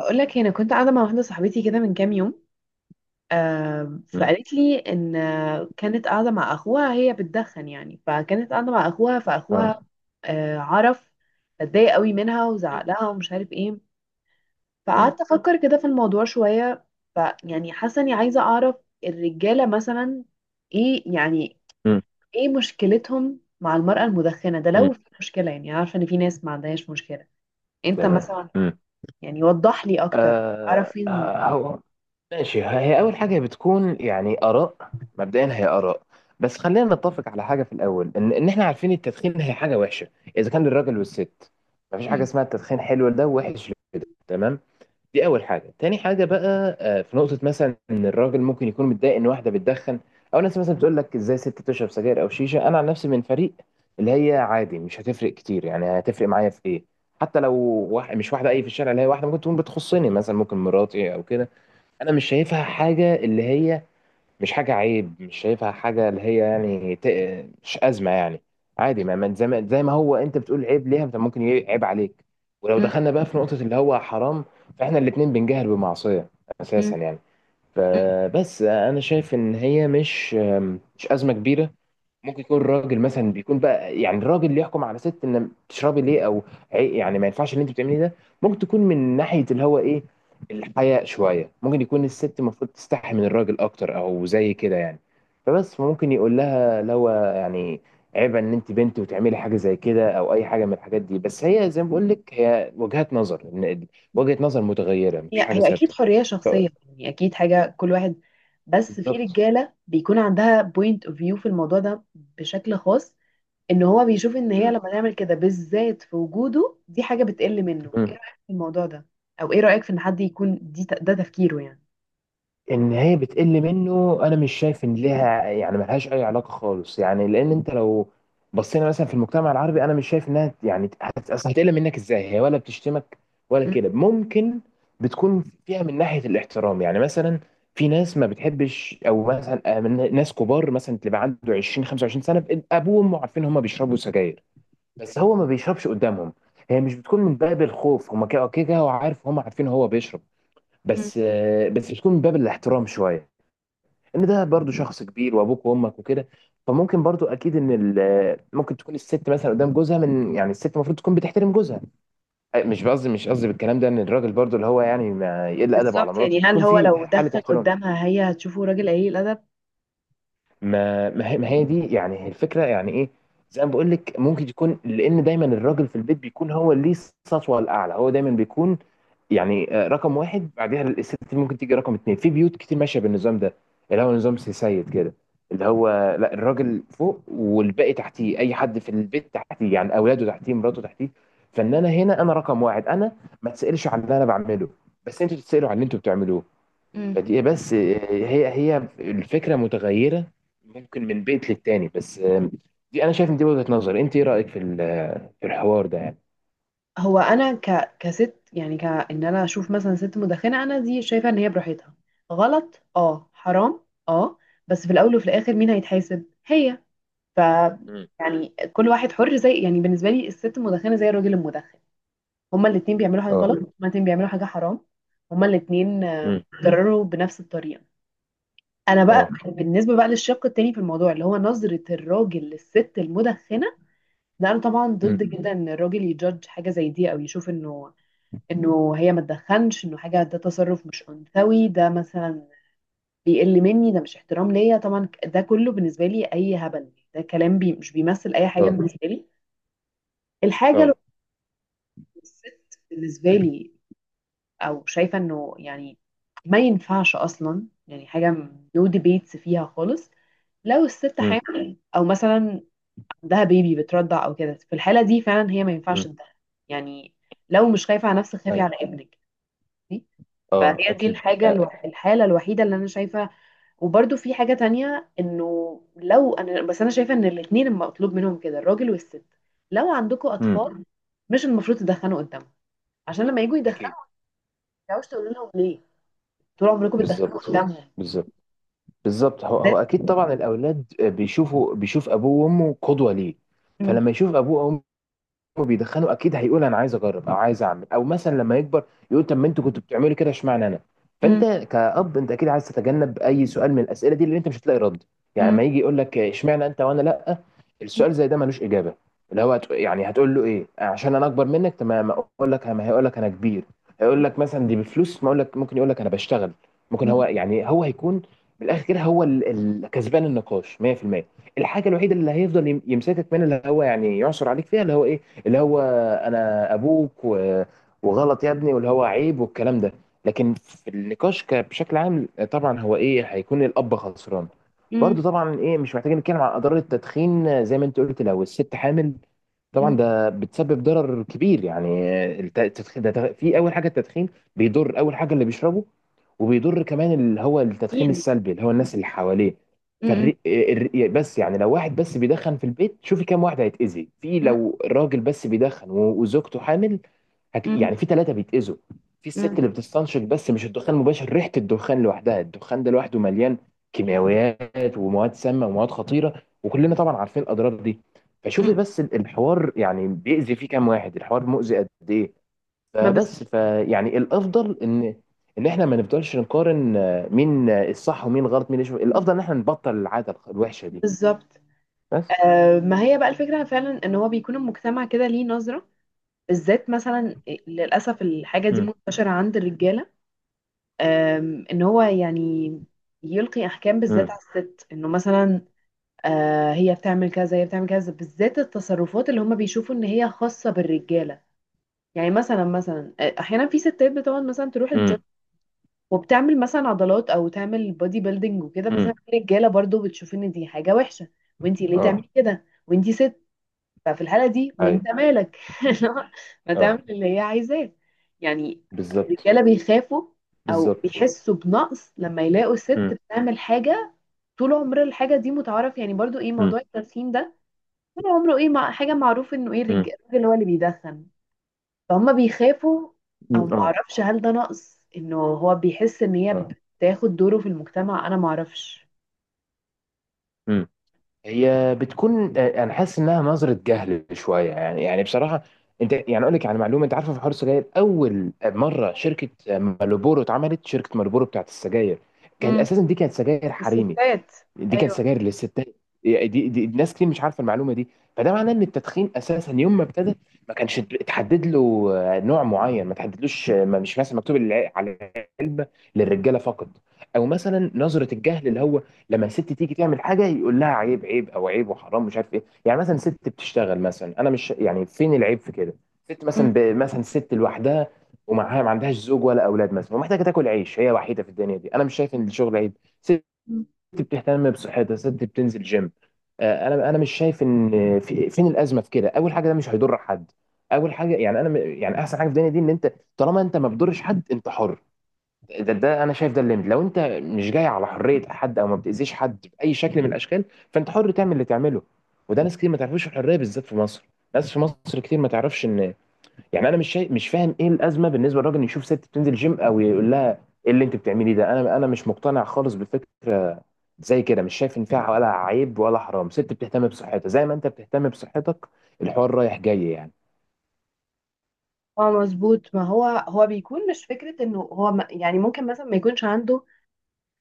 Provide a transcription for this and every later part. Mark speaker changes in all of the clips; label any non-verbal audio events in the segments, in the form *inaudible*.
Speaker 1: هقول لك، انا كنت قاعده مع واحده صاحبتي كده من كام يوم.
Speaker 2: مم.
Speaker 1: فقالت لي ان كانت قاعده مع اخوها، هي بتدخن يعني. فكانت قاعده مع اخوها،
Speaker 2: اه.
Speaker 1: فاخوها عرف، اتضايق قوي منها وزعق لها ومش عارف ايه.
Speaker 2: مم.
Speaker 1: فقعدت افكر كده في الموضوع شويه. فيعني حاسه اني عايزه اعرف الرجاله مثلا ايه يعني،
Speaker 2: مم.
Speaker 1: ايه مشكلتهم مع المراه المدخنه ده
Speaker 2: مم.
Speaker 1: لو في مشكله. يعني أنا عارفه ان في ناس ما عندهاش مشكله، انت
Speaker 2: تمام.
Speaker 1: مثلا.
Speaker 2: مم.
Speaker 1: يعني وضح لي اكتر، تعرف
Speaker 2: آه.
Speaker 1: فين.
Speaker 2: هو ماشي، هي أول حاجة بتكون يعني آراء، مبدئيا هي آراء. بس خلينا نتفق على حاجة في الأول، إن إحنا عارفين التدخين هي حاجة وحشة، إذا كان للراجل والست. مفيش حاجة
Speaker 1: مم.
Speaker 2: اسمها التدخين حلو لده ووحش لده، تمام. دي اول حاجه. تاني حاجه بقى، في نقطه مثلا ان الراجل ممكن يكون متضايق ان واحده بتدخن، او ناس مثلا بتقول لك ازاي ست تشرب سجاير او شيشه. انا عن نفسي من فريق اللي هي عادي، مش هتفرق كتير. يعني هتفرق معايا في ايه؟ حتى لو واحد، مش واحده، اي في الشارع، اللي هي واحده ممكن تكون بتخصني مثلا، ممكن مراتي او كده، انا مش شايفها حاجه اللي هي مش حاجة عيب. مش شايفها حاجة اللي هي يعني مش أزمة يعني. عادي. زي ما هو أنت بتقول عيب ليها، طب ممكن عيب عليك. ولو دخلنا بقى في نقطة اللي هو حرام، فإحنا الاتنين بنجهل بمعصية
Speaker 1: مم.
Speaker 2: أساسا يعني.
Speaker 1: مم.
Speaker 2: فبس أنا شايف إن هي مش أزمة كبيرة. ممكن يكون راجل مثلا بيكون بقى يعني الراجل اللي يحكم على ست ان تشربي ليه، او يعني ما ينفعش اللي انت بتعمليه ده. ممكن تكون من ناحيه اللي هو ايه، الحياء شويه. ممكن يكون الست المفروض تستحي من الراجل اكتر او زي كده يعني. فبس فممكن يقول لها لو يعني عيب ان انت بنت وتعملي حاجه زي كده او اي حاجه من الحاجات دي. بس هي زي ما بقول لك هي وجهات نظر. وجهه نظر متغيره،
Speaker 1: هي
Speaker 2: مفيش حاجه
Speaker 1: هي اكيد
Speaker 2: ثابته.
Speaker 1: حريه
Speaker 2: ف-
Speaker 1: شخصيه، يعني اكيد حاجه كل واحد. بس في
Speaker 2: بالظبط.
Speaker 1: رجاله بيكون عندها بوينت اوف فيو في الموضوع ده بشكل خاص، ان هو بيشوف ان هي لما تعمل كده بالذات في وجوده دي حاجه بتقل منه. ايه
Speaker 2: مم.
Speaker 1: رايك في الموضوع ده؟ او ايه رايك في ان حد يكون دي ده تفكيره يعني؟
Speaker 2: ان هي بتقل منه، انا مش شايف ان ليها يعني، ملهاش اي علاقه خالص يعني. لان انت لو بصينا مثلا في المجتمع العربي، انا مش شايف انها يعني اصل هتقل منك ازاي؟ هي ولا بتشتمك ولا
Speaker 1: مم.
Speaker 2: كده. ممكن بتكون فيها من ناحيه الاحترام يعني. مثلا في ناس ما بتحبش، او مثلا من ناس كبار مثلا تبقى عنده 20 25 سنه، ابوه وامه عارفين هم بيشربوا سجاير بس هو ما بيشربش قدامهم. هي مش بتكون من باب الخوف، هم كده كده هو عارف، هم عارفين هو بيشرب،
Speaker 1: مم.
Speaker 2: بس بس بتكون من باب الاحترام شويه، ان ده برضو شخص كبير وابوك وامك وكده. فممكن برضو اكيد ان ممكن تكون الست مثلا قدام جوزها، من يعني الست المفروض تكون بتحترم جوزها. أي، مش قصدي بالكلام ده ان الراجل برضو اللي هو يعني ما يقل ادبه على
Speaker 1: بالظبط.
Speaker 2: مراته،
Speaker 1: يعني
Speaker 2: اللي
Speaker 1: هل
Speaker 2: يكون
Speaker 1: هو
Speaker 2: في
Speaker 1: لو
Speaker 2: حاله
Speaker 1: دخل
Speaker 2: احترام.
Speaker 1: قدامها هي هتشوفه راجل قليل الادب؟
Speaker 2: ما هي دي يعني هي الفكره يعني ايه. زي ما بقول لك ممكن يكون لان دايما الراجل في البيت بيكون هو اللي ليه السطوه الاعلى. هو دايما بيكون يعني رقم واحد. بعدها الست ممكن تيجي رقم اتنين. في بيوت كتير ماشيه بالنظام ده، اللي هو نظام سي سيد كده، اللي هو لا، الراجل فوق والباقي تحتيه. اي حد في البيت تحتيه، يعني اولاده تحتيه، مراته تحتيه. فان انا هنا انا رقم واحد. انا ما تسالش على اللي انا بعمله، بس انتوا تتسالوا على اللي انتوا بتعملوه.
Speaker 1: مم.
Speaker 2: فدي بس هي الفكرة متغيرة، ممكن من بيت للتاني. بس دي انا شايف ان دي وجهة نظر. انت ايه رأيك في في الحوار ده يعني؟
Speaker 1: هو انا كست يعني كان، انا اشوف مثلا ست مدخنه، انا دي شايفه ان هي براحتها غلط، اه حرام. اه. بس في الاول وفي الاخر مين هيتحاسب؟ هي. ف
Speaker 2: مم.
Speaker 1: يعني كل واحد حر. زي يعني بالنسبه لي الست المدخنه زي الراجل المدخن، هما الاتنين بيعملوا حاجه
Speaker 2: اه.
Speaker 1: غلط، هما الاتنين بيعملوا حاجه حرام، هما الاتنين
Speaker 2: مم.
Speaker 1: اتضرروا بنفس الطريقه. انا بقى
Speaker 2: اه.
Speaker 1: بالنسبه بقى للشق التاني في الموضوع اللي هو نظره الراجل للست المدخنه، لا انا طبعا
Speaker 2: مم.
Speaker 1: ضد جدا ان الراجل يجادج حاجه زي دي، او يشوف انه هي ما تدخنش، انه حاجه، ده تصرف مش انثوي، ده مثلا بيقل مني، ده مش احترام ليا. طبعا ده كله بالنسبه لي اي هبل، ده كلام بي مش بيمثل اي حاجه
Speaker 2: اه.
Speaker 1: بالنسبه لي. الحاجه، لو
Speaker 2: اه.
Speaker 1: الست بالنسبه لي او شايفه انه يعني ما ينفعش اصلا، يعني حاجه نو ديبيتس فيها خالص. لو الست
Speaker 2: مم.
Speaker 1: حامل او مثلا عندها بيبي بترضع او كده، في الحاله دي فعلا هي ما ينفعش
Speaker 2: مم.
Speaker 1: تدخن. يعني لو مش خايفه على نفسك، خافي
Speaker 2: أي.
Speaker 1: على ابنك.
Speaker 2: اه
Speaker 1: فهي دي
Speaker 2: اكيد، آه.
Speaker 1: الحالة الوحيدة اللي أنا شايفة. وبرده في حاجة تانية، إنه لو أنا، بس أنا شايفة إن الاتنين المطلوب منهم كده، الراجل والست، لو عندكم
Speaker 2: مم.
Speaker 1: أطفال مش المفروض تدخنوا قدامهم، عشان لما يجوا يدخنوا
Speaker 2: اكيد.
Speaker 1: ما تعرفوش تقولوا لهم ليه، طول عمركم بتدخنوا
Speaker 2: بالظبط.
Speaker 1: قدامهم.
Speaker 2: بالظبط. بالظبط. هو اكيد طبعا الاولاد بيشوف ابوه وامه قدوة ليه.
Speaker 1: مم.
Speaker 2: فلما يشوف ابوه وبيدخنوا، اكيد هيقول انا عايز اجرب او عايز اعمل، او مثلا لما يكبر يقول طب ما انتوا كنتوا بتعملوا كده، اشمعنى انا؟ فانت
Speaker 1: مم.
Speaker 2: كأب انت اكيد عايز تتجنب اي سؤال من الاسئله دي اللي انت مش هتلاقي رد. يعني
Speaker 1: مم.
Speaker 2: لما يجي يقول لك اشمعنى انت وانا لا، السؤال زي ده ملوش اجابه، اللي هو يعني هتقول له ايه؟ عشان انا اكبر منك، تمام؟ اقول لك ما هيقول لك انا كبير. هيقول لك مثلا دي بفلوس، ما اقول لك ممكن يقول لك انا بشتغل. ممكن
Speaker 1: مم.
Speaker 2: هو يعني هو هيكون بالاخر كده هو كسبان النقاش 100%. الحاجه الوحيده اللي هيفضل يمسكك منها، اللي هو يعني يعثر عليك فيها، اللي هو ايه، اللي هو انا ابوك و- وغلط يا ابني واللي هو عيب والكلام ده. لكن في النقاش بشكل عام طبعا هو ايه، هيكون الاب خسران.
Speaker 1: مم.
Speaker 2: برضو طبعا ايه، مش محتاجين نتكلم عن اضرار التدخين. زي ما انت قلت لو الست حامل طبعا
Speaker 1: مم.
Speaker 2: ده بتسبب ضرر كبير يعني. التدخين ده في اول حاجه التدخين بيضر اول حاجه اللي بيشربه، وبيضر كمان اللي هو التدخين
Speaker 1: مين؟
Speaker 2: السلبي، اللي هو الناس اللي حواليه.
Speaker 1: مم.
Speaker 2: بس يعني لو واحد بس بيدخن في البيت، شوفي كام واحد هيتأذي في
Speaker 1: مم.
Speaker 2: لو راجل بس بيدخن و- وزوجته حامل،
Speaker 1: مم.
Speaker 2: يعني في ثلاثة بيتأذوا. في الست
Speaker 1: مم.
Speaker 2: اللي بتستنشق بس مش الدخان المباشر، ريحة الدخان لوحدها. الدخان ده لوحده مليان كيماويات ومواد سامة ومواد خطيرة، وكلنا طبعا عارفين الأضرار دي. فشوفي
Speaker 1: مم.
Speaker 2: بس الحوار يعني بيأذي فيه كام واحد، الحوار مؤذي قد إيه.
Speaker 1: ما بز...
Speaker 2: فبس فيعني الافضل ان احنا ما نفضلش نقارن، مين الصح ومين غلط، مين يشوف.
Speaker 1: مم.
Speaker 2: الافضل ان احنا نبطل العاده الوحشه دي،
Speaker 1: بالظبط.
Speaker 2: بس.
Speaker 1: آه، ما هي بقى الفكرة فعلا إن هو بيكون المجتمع كده ليه نظرة، بالذات مثلا للأسف الحاجة دي
Speaker 2: امم.
Speaker 1: منتشرة عند الرجالة. إن هو يعني يلقي أحكام بالذات
Speaker 2: امم.
Speaker 1: على الست، إنه مثلا هي بتعمل كذا، هي بتعمل كذا، بالذات التصرفات اللي هم بيشوفوا إن هي خاصة بالرجالة. يعني مثلا مثلا أحيانا في ستات بتقعد مثلا تروح الجيم
Speaker 2: امم.
Speaker 1: وبتعمل مثلا عضلات أو تعمل بودي بيلدينج وكده،
Speaker 2: امم.
Speaker 1: مثلا في رجالة برضو بتشوف إن دي حاجة وحشة، وإنتي ليه
Speaker 2: اه.
Speaker 1: تعملي كده وإنتي ست. ففي الحالة دي وانت
Speaker 2: ايوه.
Speaker 1: مالك
Speaker 2: مم.
Speaker 1: *laughs* ما
Speaker 2: اه.
Speaker 1: تعمل اللي هي عايزاه يعني.
Speaker 2: بالظبط.
Speaker 1: الرجالة بيخافوا او
Speaker 2: بالظبط.
Speaker 1: بيحسوا بنقص لما يلاقوا ست
Speaker 2: امم.
Speaker 1: بتعمل حاجة. طول عمر الحاجة دي متعارف، يعني برضو ايه
Speaker 2: امم.
Speaker 1: موضوع التدخين ده طول عمره ايه مع حاجة، معروف انه ايه
Speaker 2: امم.
Speaker 1: الراجل هو اللي بيدخن. فهم بيخافوا، او
Speaker 2: اه.
Speaker 1: معرفش هل ده نقص انه هو بيحس ان هي
Speaker 2: اه.
Speaker 1: بتاخد دوره في المجتمع. انا معرفش.
Speaker 2: مم. هي بتكون، انا حاسس انها نظره جهل شويه يعني بصراحه. انت يعني اقول لك على معلومه، انت عارفه في حوار السجاير اول مره شركه مالبورو اتعملت، شركه مالبورو بتاعت السجاير كانت
Speaker 1: امم.
Speaker 2: اساسا دي كانت سجاير حريمي.
Speaker 1: الستات.
Speaker 2: دي كانت
Speaker 1: ايوه.
Speaker 2: سجاير للستات. دي ناس كتير مش عارفه المعلومه دي. فده معناه ان التدخين اساسا يوم ما ابتدى ما كانش اتحدد له نوع معين، ما تحددلوش، ما مش مثلا مكتوب على العلبه للرجاله فقط. او مثلا نظره الجهل، اللي هو لما الست تيجي تعمل حاجه يقول لها عيب، عيب، او عيب وحرام مش عارف ايه. يعني مثلا ست بتشتغل مثلا، انا مش يعني فين العيب في كده؟ ست مثلا مثلا ست لوحدها ومعاها ما عندهاش زوج ولا اولاد مثلا ومحتاجه تاكل عيش، هي وحيده في الدنيا دي، انا مش شايف ان الشغل عيب. ست
Speaker 1: مم.
Speaker 2: ست بتهتم بصحتها، ست بتنزل جيم، انا مش شايف ان في فين الازمه في كده. اول حاجه ده مش هيضر حد. اول حاجه يعني انا يعني احسن حاجه في الدنيا دي ان انت طالما انت ما بتضرش حد، انت حر. ده انا شايف ده الليمت. لو انت مش جاي على حريه حد او ما بتاذيش حد باي شكل من الاشكال، فانت حر تعمل اللي تعمله. وده ناس كتير ما تعرفوش الحريه، بالذات في مصر. ناس في مصر كتير ما تعرفش ان، يعني انا مش شايف، مش فاهم ايه الازمه بالنسبه للراجل إنه يشوف ست بتنزل جيم او يقول لها ايه اللي انت بتعمليه ده. انا مش مقتنع خالص بفكره زي كده. مش شايف ان فيها ولا عيب ولا حرام. ست بتهتم بصحتها زي ما انت بتهتم بصحتك، الحوار رايح جاي يعني.
Speaker 1: اه مظبوط. ما هو بيكون مش فكرة انه هو يعني ممكن مثلا ما يكونش عنده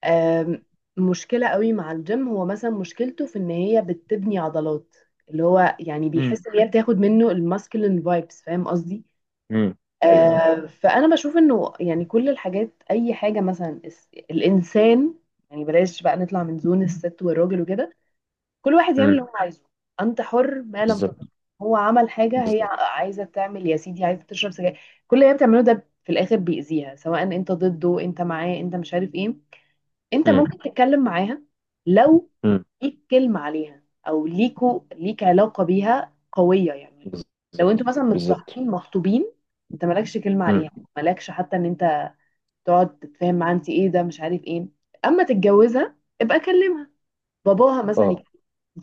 Speaker 1: آم، مشكلة قوي مع الجيم. هو مثلا مشكلته في ان هي بتبني عضلات، اللي هو يعني
Speaker 2: امم.
Speaker 1: بيحس ان هي بتاخد منه الماسكلين فايبس، فاهم قصدي؟
Speaker 2: امم. ايوه.
Speaker 1: فانا بشوف انه يعني كل الحاجات، اي حاجة مثلا الانسان، يعني بلاش بقى نطلع من زون الست والراجل وكده، كل واحد يعمل اللي
Speaker 2: امم.
Speaker 1: هو عايزه. انت حر ما لم
Speaker 2: بالظبط.
Speaker 1: تضر. هو عمل حاجه، هي
Speaker 2: بالظبط.
Speaker 1: عايزه تعمل، يا سيدي، عايزه تشرب سجاير. كل اللي هي بتعمله ده في الاخر بيأذيها، سواء انت ضده انت معاه انت مش عارف ايه. انت
Speaker 2: امم.
Speaker 1: ممكن تتكلم معاها لو
Speaker 2: امم.
Speaker 1: ليك كلمه عليها، او ليكو، ليك علاقه بيها قويه يعني. لو انتوا
Speaker 2: بالظبط.
Speaker 1: مثلا
Speaker 2: بالظبط.
Speaker 1: متصاحبين مخطوبين، انت مالكش كلمه
Speaker 2: امم.
Speaker 1: عليها، مالكش حتى ان انت تقعد تتفاهم معاها، انت ايه ده مش عارف ايه. اما تتجوزها ابقى كلمها. باباها مثلا
Speaker 2: اه.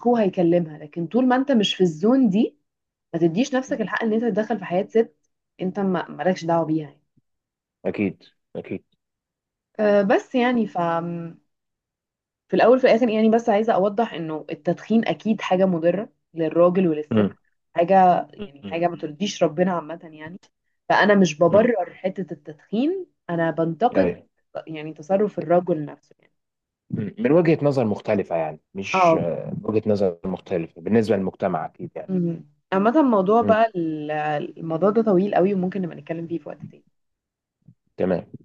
Speaker 1: هو هيكلمها، لكن طول ما انت مش في الزون دي، ما تديش نفسك
Speaker 2: مم.
Speaker 1: الحق ان انت تتدخل في حياة ست. انت ما مالكش دعوة بيها يعني.
Speaker 2: اكيد. اكيد.
Speaker 1: أه، بس يعني في الاول في الاخر يعني، بس عايزة اوضح انه التدخين اكيد حاجة مضرة للراجل وللست،
Speaker 2: امم.
Speaker 1: حاجة يعني
Speaker 2: امم.
Speaker 1: حاجة ما ترضيش ربنا عامة يعني. فانا مش
Speaker 2: امم.
Speaker 1: ببرر حتة التدخين، انا بنتقد
Speaker 2: ايوه.
Speaker 1: يعني تصرف الرجل نفسه يعني.
Speaker 2: مم. من وجهة نظر مختلفة يعني، مش
Speaker 1: اه
Speaker 2: وجهة نظر مختلفة بالنسبة للمجتمع، أكيد يعني.
Speaker 1: مهم. عامة الموضوع
Speaker 2: مم.
Speaker 1: بقى الموضوع ده طويل قوي، وممكن نبقى نتكلم فيه في وقت تاني.
Speaker 2: تمام.